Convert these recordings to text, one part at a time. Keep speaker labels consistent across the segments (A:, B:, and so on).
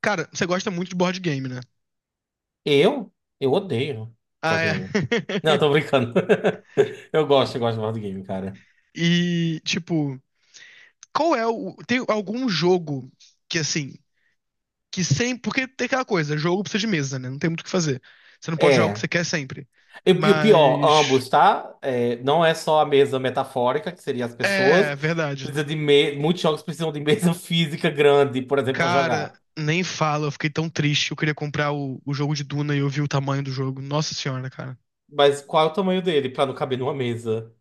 A: Cara, você gosta muito de board game, né?
B: Eu? Eu odeio
A: Ah,
B: board
A: é.
B: game. Não, tô brincando. Eu gosto de board game, cara.
A: E, tipo, qual é o. Tem algum jogo que, assim, que sempre. Porque tem aquela coisa, jogo precisa de mesa, né? Não tem muito o que fazer. Você não pode jogar o que você
B: É.
A: quer sempre.
B: E o pior,
A: Mas.
B: ambos, tá? É, não é só a mesa metafórica, que seria as pessoas.
A: É, verdade.
B: Muitos jogos precisam de mesa física grande, por exemplo, pra
A: Cara,
B: jogar.
A: nem fala, eu fiquei tão triste. Eu queria comprar o jogo de Duna e eu vi o tamanho do jogo. Nossa senhora, cara.
B: Mas qual é o tamanho dele pra não caber numa mesa?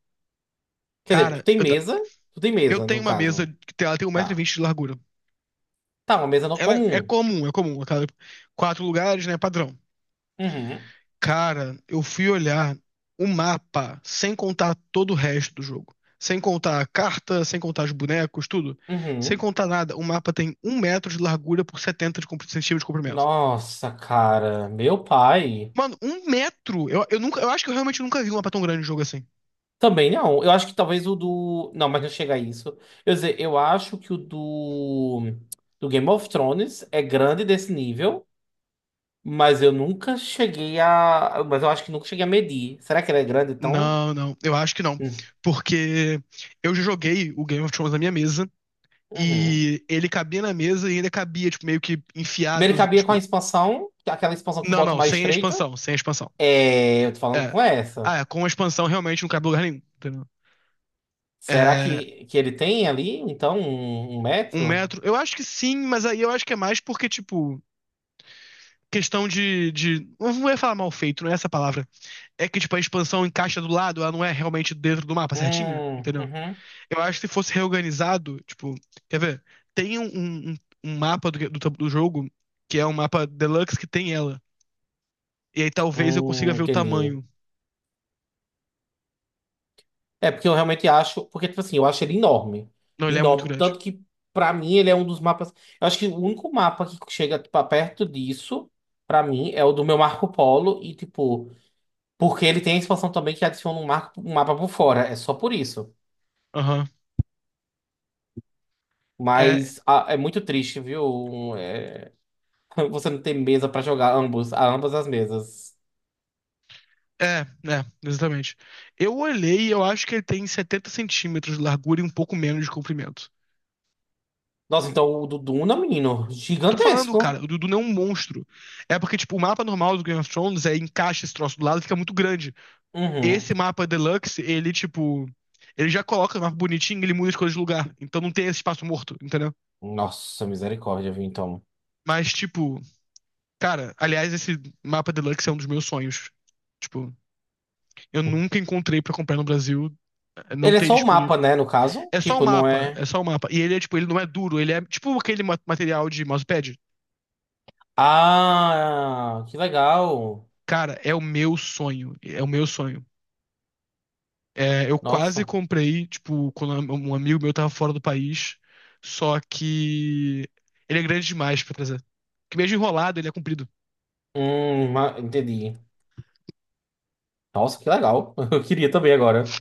B: Quer dizer, tu
A: Cara,
B: tem mesa? Tu tem
A: eu
B: mesa,
A: tenho
B: no
A: uma mesa
B: caso.
A: ela tem um metro e
B: Tá.
A: vinte de largura.
B: Tá, uma mesa
A: Ela é
B: comum.
A: comum, é comum. Quatro lugares, né? Padrão.
B: Uhum.
A: Cara, eu fui olhar o mapa sem contar todo o resto do jogo. Sem contar a carta, sem contar os bonecos, tudo. Sem
B: Uhum.
A: contar nada. O mapa tem 1 m de largura por 70 de centímetros de comprimento.
B: Nossa, cara. Meu pai.
A: Mano, 1 m! Eu, nunca, eu acho que eu realmente nunca vi um mapa tão grande de jogo assim.
B: Também não. Eu acho que talvez o do. Não, mas não chega a isso. Eu ia dizer, eu acho que o do. Do Game of Thrones é grande desse nível, mas eu nunca cheguei a. Mas eu acho que nunca cheguei a medir. Será que ele é grande então?
A: Não, não, eu acho que não.
B: Hum.
A: Porque eu já joguei o Game of Thrones na minha mesa
B: Uhum.
A: e ele cabia na mesa e ainda cabia, tipo, meio que
B: Ele
A: enfiado,
B: cabia com a
A: tipo.
B: expansão, aquela expansão que
A: Não,
B: bota o
A: não,
B: mais
A: sem a
B: estreito.
A: expansão, sem a expansão.
B: É, eu tô falando com essa.
A: Ah, é, com a expansão realmente não cabe em lugar nenhum. Entendeu?
B: Será que ele tem ali, então, um
A: Um
B: metro?
A: metro? Eu acho que sim, mas aí eu acho que é mais porque, tipo, questão de. Não ia falar mal feito, não é essa a palavra. É que, tipo, a expansão encaixa do lado, ela não é realmente dentro do mapa certinho, entendeu?
B: Uhum.
A: Eu acho que se fosse reorganizado, tipo, quer ver? Tem um mapa do jogo, que é um mapa deluxe que tem ela. E aí talvez eu consiga ver o
B: Entendi.
A: tamanho.
B: É, porque eu realmente acho. Porque, tipo assim, eu acho ele enorme.
A: Não, ele é muito
B: Enorme.
A: grande.
B: Tanto que, pra mim, ele é um dos mapas. Eu acho que o único mapa que chega, tipo, a perto disso, pra mim, é o do meu Marco Polo. E, tipo, porque ele tem a expansão também que adiciona um, marco, um mapa por fora. É só por isso.
A: Aham. É,
B: Mas ah, é muito triste, viu? É. Você não tem mesa pra jogar ambos, a ambas as mesas.
A: é, é, exatamente. Eu olhei e eu acho que ele tem 70 cm de largura e um pouco menos de comprimento.
B: Nossa, então o do Duna, menino,
A: Tô falando,
B: gigantesco.
A: cara, o Dudu não é um monstro. É porque, tipo, o mapa normal do Game of Thrones é encaixa esse troço do lado, e fica muito grande.
B: Uhum.
A: Esse mapa Deluxe, ele, tipo, ele já coloca o mapa bonitinho, e ele muda as coisas de lugar. Então não tem esse espaço morto, entendeu?
B: Nossa, misericórdia, viu, então.
A: Mas, tipo, cara, aliás, esse mapa Deluxe é um dos meus sonhos. Tipo, eu nunca encontrei pra comprar no Brasil, não
B: Ele é
A: tem
B: só o
A: disponível.
B: mapa, né, no caso?
A: É só o
B: Tipo, não
A: mapa,
B: é.
A: é só o mapa. E ele é, tipo, ele não é duro, ele é tipo aquele material de mousepad.
B: Ah, que legal.
A: Cara, é o meu sonho, é o meu sonho. É, eu quase
B: Nossa.
A: comprei, tipo, quando um amigo meu tava fora do país, só que ele é grande demais pra trazer. Que mesmo enrolado, ele é comprido.
B: Entendi. Nossa, que legal. Eu queria também agora.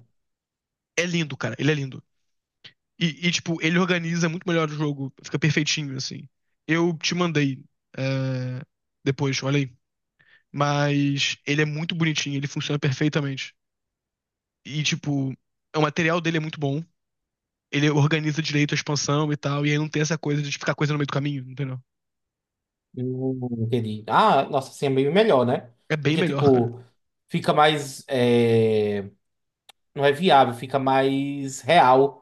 A: É lindo, cara, ele é lindo. E, tipo, ele organiza muito melhor o jogo, fica perfeitinho, assim. Eu te mandei, é, depois, olha aí. Mas ele é muito bonitinho, ele funciona perfeitamente. E, tipo, o material dele é muito bom. Ele organiza direito a expansão e tal, e aí não tem essa coisa de ficar coisa no meio do caminho, entendeu?
B: Entendi. Ah, nossa, assim é meio melhor, né?
A: É bem
B: Porque,
A: melhor, cara.
B: tipo, fica mais. É, não é viável, fica mais real.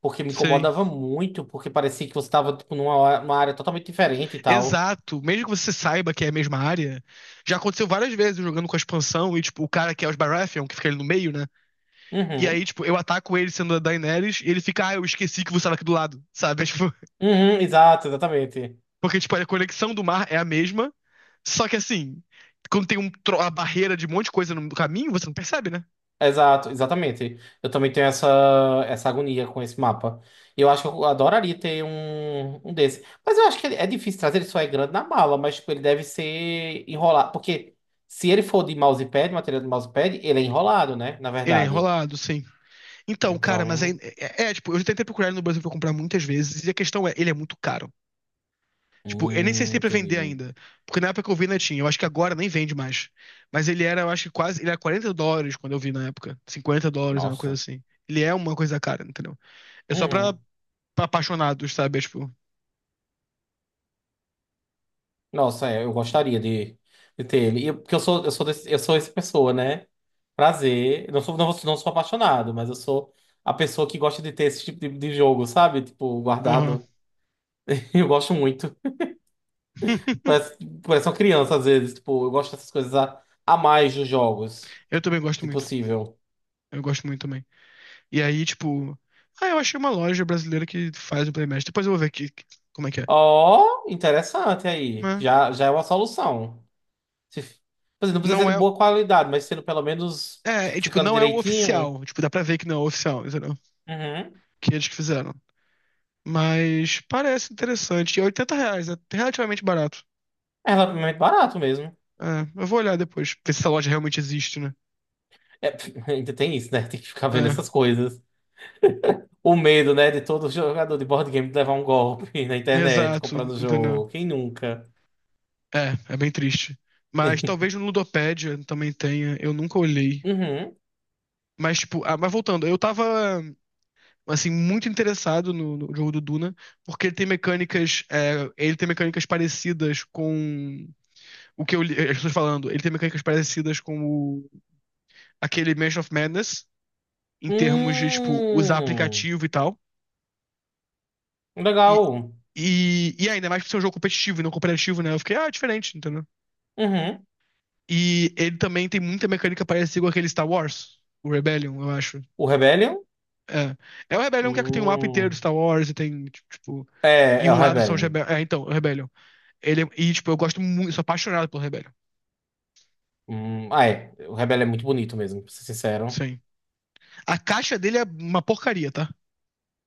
B: Porque me
A: Sim.
B: incomodava muito, porque parecia que você tava, tipo, numa área totalmente diferente e tal.
A: Exato. Mesmo que você saiba que é a mesma área, já aconteceu várias vezes eu jogando com a expansão e, tipo, o cara que é os Baratheon, que fica ali no meio, né? E aí,
B: Uhum.
A: tipo, eu ataco ele sendo a Daenerys e ele fica, ah, eu esqueci que você estava aqui do lado, sabe? É, tipo,
B: Uhum, exato, exatamente.
A: porque, tipo, a conexão do mar é a mesma, só que assim, quando tem a barreira de um monte de coisa no caminho, você não percebe, né?
B: Exato, exatamente. Eu também tenho essa agonia com esse mapa. E eu acho que eu adoraria ter um desse. Mas eu acho que é difícil trazer, ele só é grande na mala, mas tipo, ele deve ser enrolado. Porque se ele for de mousepad, material de mousepad, ele é enrolado, né? Na
A: Ele é
B: verdade.
A: enrolado, sim. Então, cara,
B: Então.
A: tipo, eu já tentei procurar ele no Brasil pra comprar muitas vezes e a questão é, ele é muito caro. Tipo, eu nem sei se tem pra vender
B: Entendi.
A: ainda. Porque na época que eu vi, não tinha. Eu acho que agora nem vende mais. Mas ele era, eu acho que quase. Ele era US$ 40 quando eu vi na época. US$ 50, era uma coisa
B: Nossa.
A: assim. Ele é uma coisa cara, entendeu? É só pra,
B: Uhum.
A: pra apaixonados, sabe? É, tipo.
B: Nossa, é, eu gostaria de ter ele. Porque eu sou essa pessoa, né? Prazer. Eu não sou, não sou apaixonado, mas eu sou a pessoa que gosta de ter esse tipo de jogo, sabe? Tipo,
A: Aham.
B: guardado. Eu gosto muito. Parece, parece uma criança, às vezes. Tipo, eu gosto dessas coisas a mais dos jogos,
A: Eu também gosto
B: se
A: muito.
B: possível.
A: Eu gosto muito também. E aí, tipo. Ah, eu achei uma loja brasileira que faz o Playmatch. Depois eu vou ver aqui como é que é.
B: Ó, interessante aí.
A: Mas
B: Já, já é uma solução. Se, quer dizer, não precisa
A: não
B: ser de
A: é.
B: boa qualidade, mas sendo pelo menos
A: É,
B: tipo,
A: tipo,
B: ficando
A: não é o
B: direitinho.
A: oficial. Tipo, dá pra ver que não é o oficial, entendeu?
B: Uhum.
A: Que eles que fizeram. Mas parece interessante. E é R$ 80, é relativamente barato.
B: É relativamente barato mesmo.
A: É, eu vou olhar depois, ver se essa loja realmente existe, né?
B: É, ainda tem isso, né? Tem que ficar vendo
A: É,
B: essas coisas. O medo, né, de todo jogador de board game levar um golpe na internet,
A: exato,
B: comprando o
A: entendeu?
B: jogo. Quem nunca?
A: É, bem triste. Mas talvez no Ludopédia também tenha, eu nunca olhei.
B: Uhum.
A: Mas, tipo, ah, mas voltando, eu tava, assim, muito interessado no jogo do Duna, porque ele tem mecânicas, é, ele tem mecânicas parecidas com o que eu li, as pessoas falando, ele tem mecânicas parecidas com aquele Mansion of Madness, em termos de, tipo, usar
B: Hum.
A: aplicativo e tal. E,
B: Legal.
A: e, ainda mais por ser um jogo competitivo e não cooperativo, né? Eu fiquei, ah, é diferente, entendeu?
B: Uhum.
A: E ele também tem muita mecânica parecida com aquele Star Wars, o Rebellion, eu acho.
B: O Rebellion?
A: É. É o Rebellion que é que tem um mapa inteiro do
B: Hum.
A: Star Wars e tem, tipo.
B: É,
A: E
B: é o
A: um lado são os
B: Rebellion.
A: Rebellion. É, então, o Rebellion. E, tipo, eu gosto muito, sou apaixonado pelo Rebellion.
B: Hum. Ah, é. O Rebellion é muito bonito mesmo, pra ser sincero.
A: Sim. A caixa dele é uma porcaria, tá?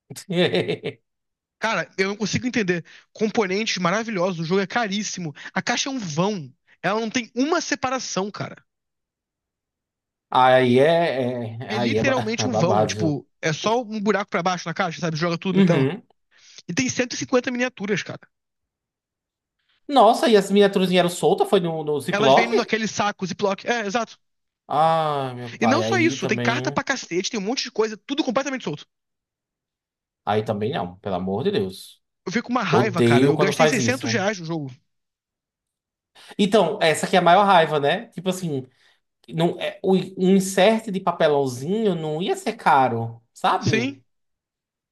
A: Cara, eu não consigo entender. Componentes maravilhosos, o jogo é caríssimo. A caixa é um vão. Ela não tem uma separação, cara.
B: Aí é, é-
A: É
B: Aí é, ba-
A: literalmente
B: É
A: um vão. É,
B: babado, viu?
A: tipo, é só um buraco pra baixo na caixa, sabe? Joga tudo na tela.
B: Uhum.
A: E tem 150 miniaturas, cara.
B: Nossa, e as miniaturas eram soltas? Foi no
A: Elas vêm
B: Ziploc?
A: naquele saco Ziploc. É, exato.
B: Ai, meu
A: E
B: pai,
A: não só
B: aí
A: isso, tem carta
B: também.
A: pra cacete, tem um monte de coisa, tudo completamente solto.
B: Aí também não, pelo amor de Deus.
A: Eu fico com uma raiva, cara.
B: Odeio
A: Eu
B: quando
A: gastei
B: faz isso.
A: R$ 600 no jogo.
B: Então, essa aqui é a maior raiva, né? Tipo assim, não, é, um insert de papelãozinho não ia ser caro, sabe?
A: Sim,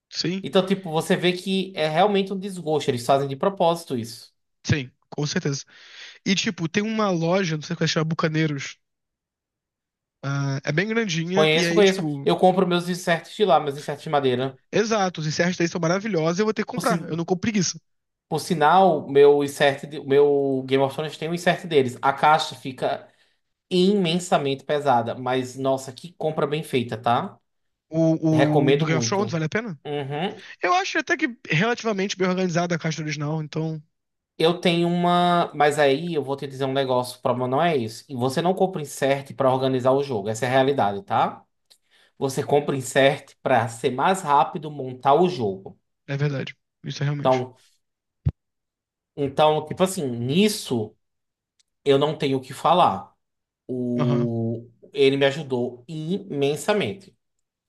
A: sim,
B: Então, tipo, você vê que é realmente um desgosto. Eles fazem de propósito isso.
A: sim, com certeza. E, tipo, tem uma loja, não sei se é, chama Bucaneiros. Ah, é bem grandinha, e
B: Conheço,
A: aí,
B: conheço.
A: tipo.
B: Eu compro meus inserts de lá, meus inserts de madeira.
A: Exato, os encerros daí são maravilhosos, e eu vou ter que
B: Por,
A: comprar. Eu
B: sin-
A: não compro preguiça.
B: por sinal, meu insert, meu Game of Thrones tem um insert deles. A caixa fica imensamente pesada, mas nossa, que compra bem feita, tá?
A: O do
B: Recomendo
A: Game of
B: muito.
A: Thrones vale a pena?
B: Uhum.
A: Eu acho até que relativamente bem organizada a caixa original, então
B: Eu tenho uma, mas aí eu vou te dizer um negócio, o problema não é isso. E você não compra insert para organizar o jogo, essa é a realidade, tá? Você compra insert para ser mais rápido montar o jogo.
A: é verdade. Isso é realmente.
B: Então, então, tipo assim, nisso eu não tenho o que falar.
A: Aham,
B: O ele me ajudou imensamente,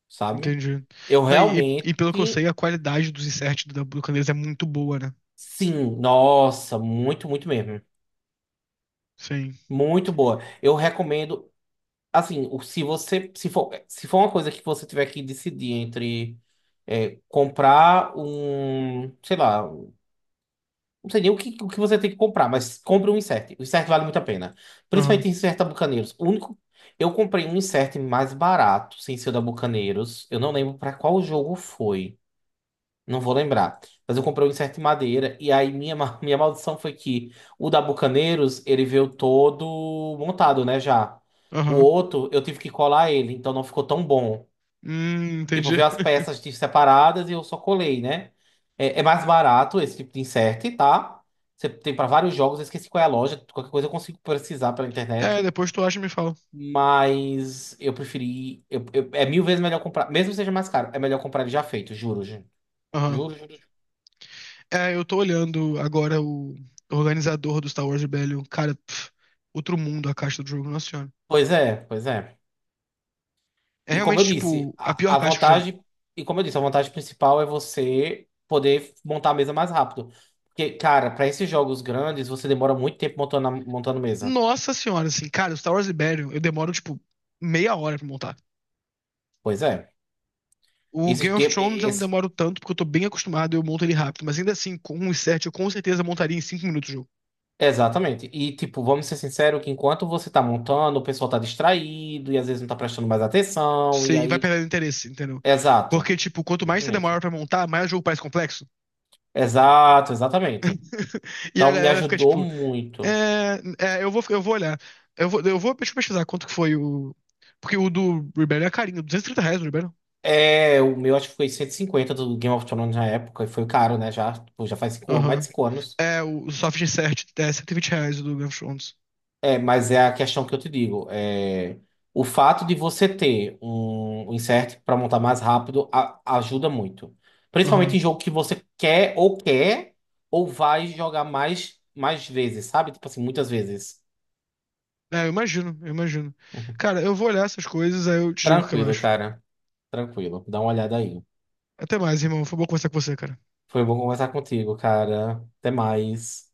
B: sabe?
A: entendi.
B: Eu
A: Não, e, e-
B: realmente.
A: e pelo que eu sei, a qualidade dos inserts do Candeias é muito boa, né?
B: Sim, nossa, muito, muito mesmo.
A: Sim.
B: Muito boa. Eu recomendo, assim, se você, se for uma coisa que você tiver que decidir entre é, comprar um, sei lá, não sei nem o que, você tem que comprar, mas compre um insert. O insert vale muito a pena.
A: Aham,
B: Principalmente insert da Bucaneiros. O único, eu comprei um insert mais barato, sem ser o da Bucaneiros. Eu não lembro para qual jogo foi. Não vou lembrar. Mas eu comprei um incerto de madeira. E aí minha maldição foi que o da Bucaneiros, ele veio todo montado, né, já. O
A: aham.
B: outro, eu tive que colar ele, então não ficou tão bom. Tipo,
A: Entendi.
B: veio as peças separadas e eu só colei, né? É mais barato esse tipo de insert, tá? Você tem para vários jogos, eu esqueci qual é a loja. Qualquer coisa eu consigo precisar pela
A: É,
B: internet.
A: depois tu acha e me fala.
B: Mas eu preferi. É mil vezes melhor comprar. Mesmo que seja mais caro, é melhor comprar ele já feito, juro, gente.
A: Aham.
B: Juro, juro, juro.
A: É, eu tô olhando agora o organizador do Star Wars Rebellion. Cara, pff, outro mundo a caixa do jogo, nossa senhora.
B: Pois é, pois é.
A: É
B: E como eu
A: realmente,
B: disse,
A: tipo, a pior
B: a
A: caixa que eu já vi.
B: vantagem, e como eu disse, a vantagem principal é você poder montar a mesa mais rápido. Porque, cara, para esses jogos grandes, você demora muito tempo montando, montando mesa.
A: Nossa senhora, assim, cara, o Star Wars Rebellion, eu demoro, tipo, meia hora pra montar.
B: Pois é.
A: O
B: Esse
A: Game of
B: tempo,
A: Thrones eu não
B: esse-
A: demoro tanto, porque eu tô bem acostumado e eu monto ele rápido. Mas ainda assim, com um set, eu com certeza montaria em 5 minutos o jogo.
B: exatamente. E, tipo, vamos ser sinceros que enquanto você tá montando, o pessoal tá distraído e às vezes não tá prestando mais atenção. E
A: Você e vai
B: aí.
A: perdendo interesse, entendeu?
B: Exato.
A: Porque, tipo, quanto mais você demora
B: Exatamente.
A: pra montar, mais o jogo parece complexo.
B: Exato, exatamente.
A: E a
B: Então, me
A: galera fica,
B: ajudou
A: tipo,
B: muito.
A: eu vou olhar. Eu vou deixa eu pesquisar quanto que foi o. Porque o do Rebellion é carinho, R$ 230 o Rebellion.
B: É, o meu acho que foi 150 do Game of Thrones na época, e foi caro, né? Já, tipo, já faz 5, mais de
A: Aham.
B: 5 anos.
A: É, o soft insert é R$ 120 o do Game of Thrones.
B: É, mas é a questão que eu te digo. É, o fato de você ter um insert para montar mais rápido ajuda muito. Principalmente
A: Aham.
B: em jogo que você quer ou quer, ou vai jogar mais, mais vezes, sabe? Tipo assim, muitas vezes.
A: É, eu imagino, eu imagino.
B: Uhum.
A: Cara, eu vou olhar essas coisas, aí eu te digo o que eu
B: Tranquilo,
A: acho.
B: cara. Tranquilo. Dá uma olhada aí.
A: Até mais, irmão. Foi bom conversar com você, cara.
B: Foi bom conversar contigo, cara. Até mais.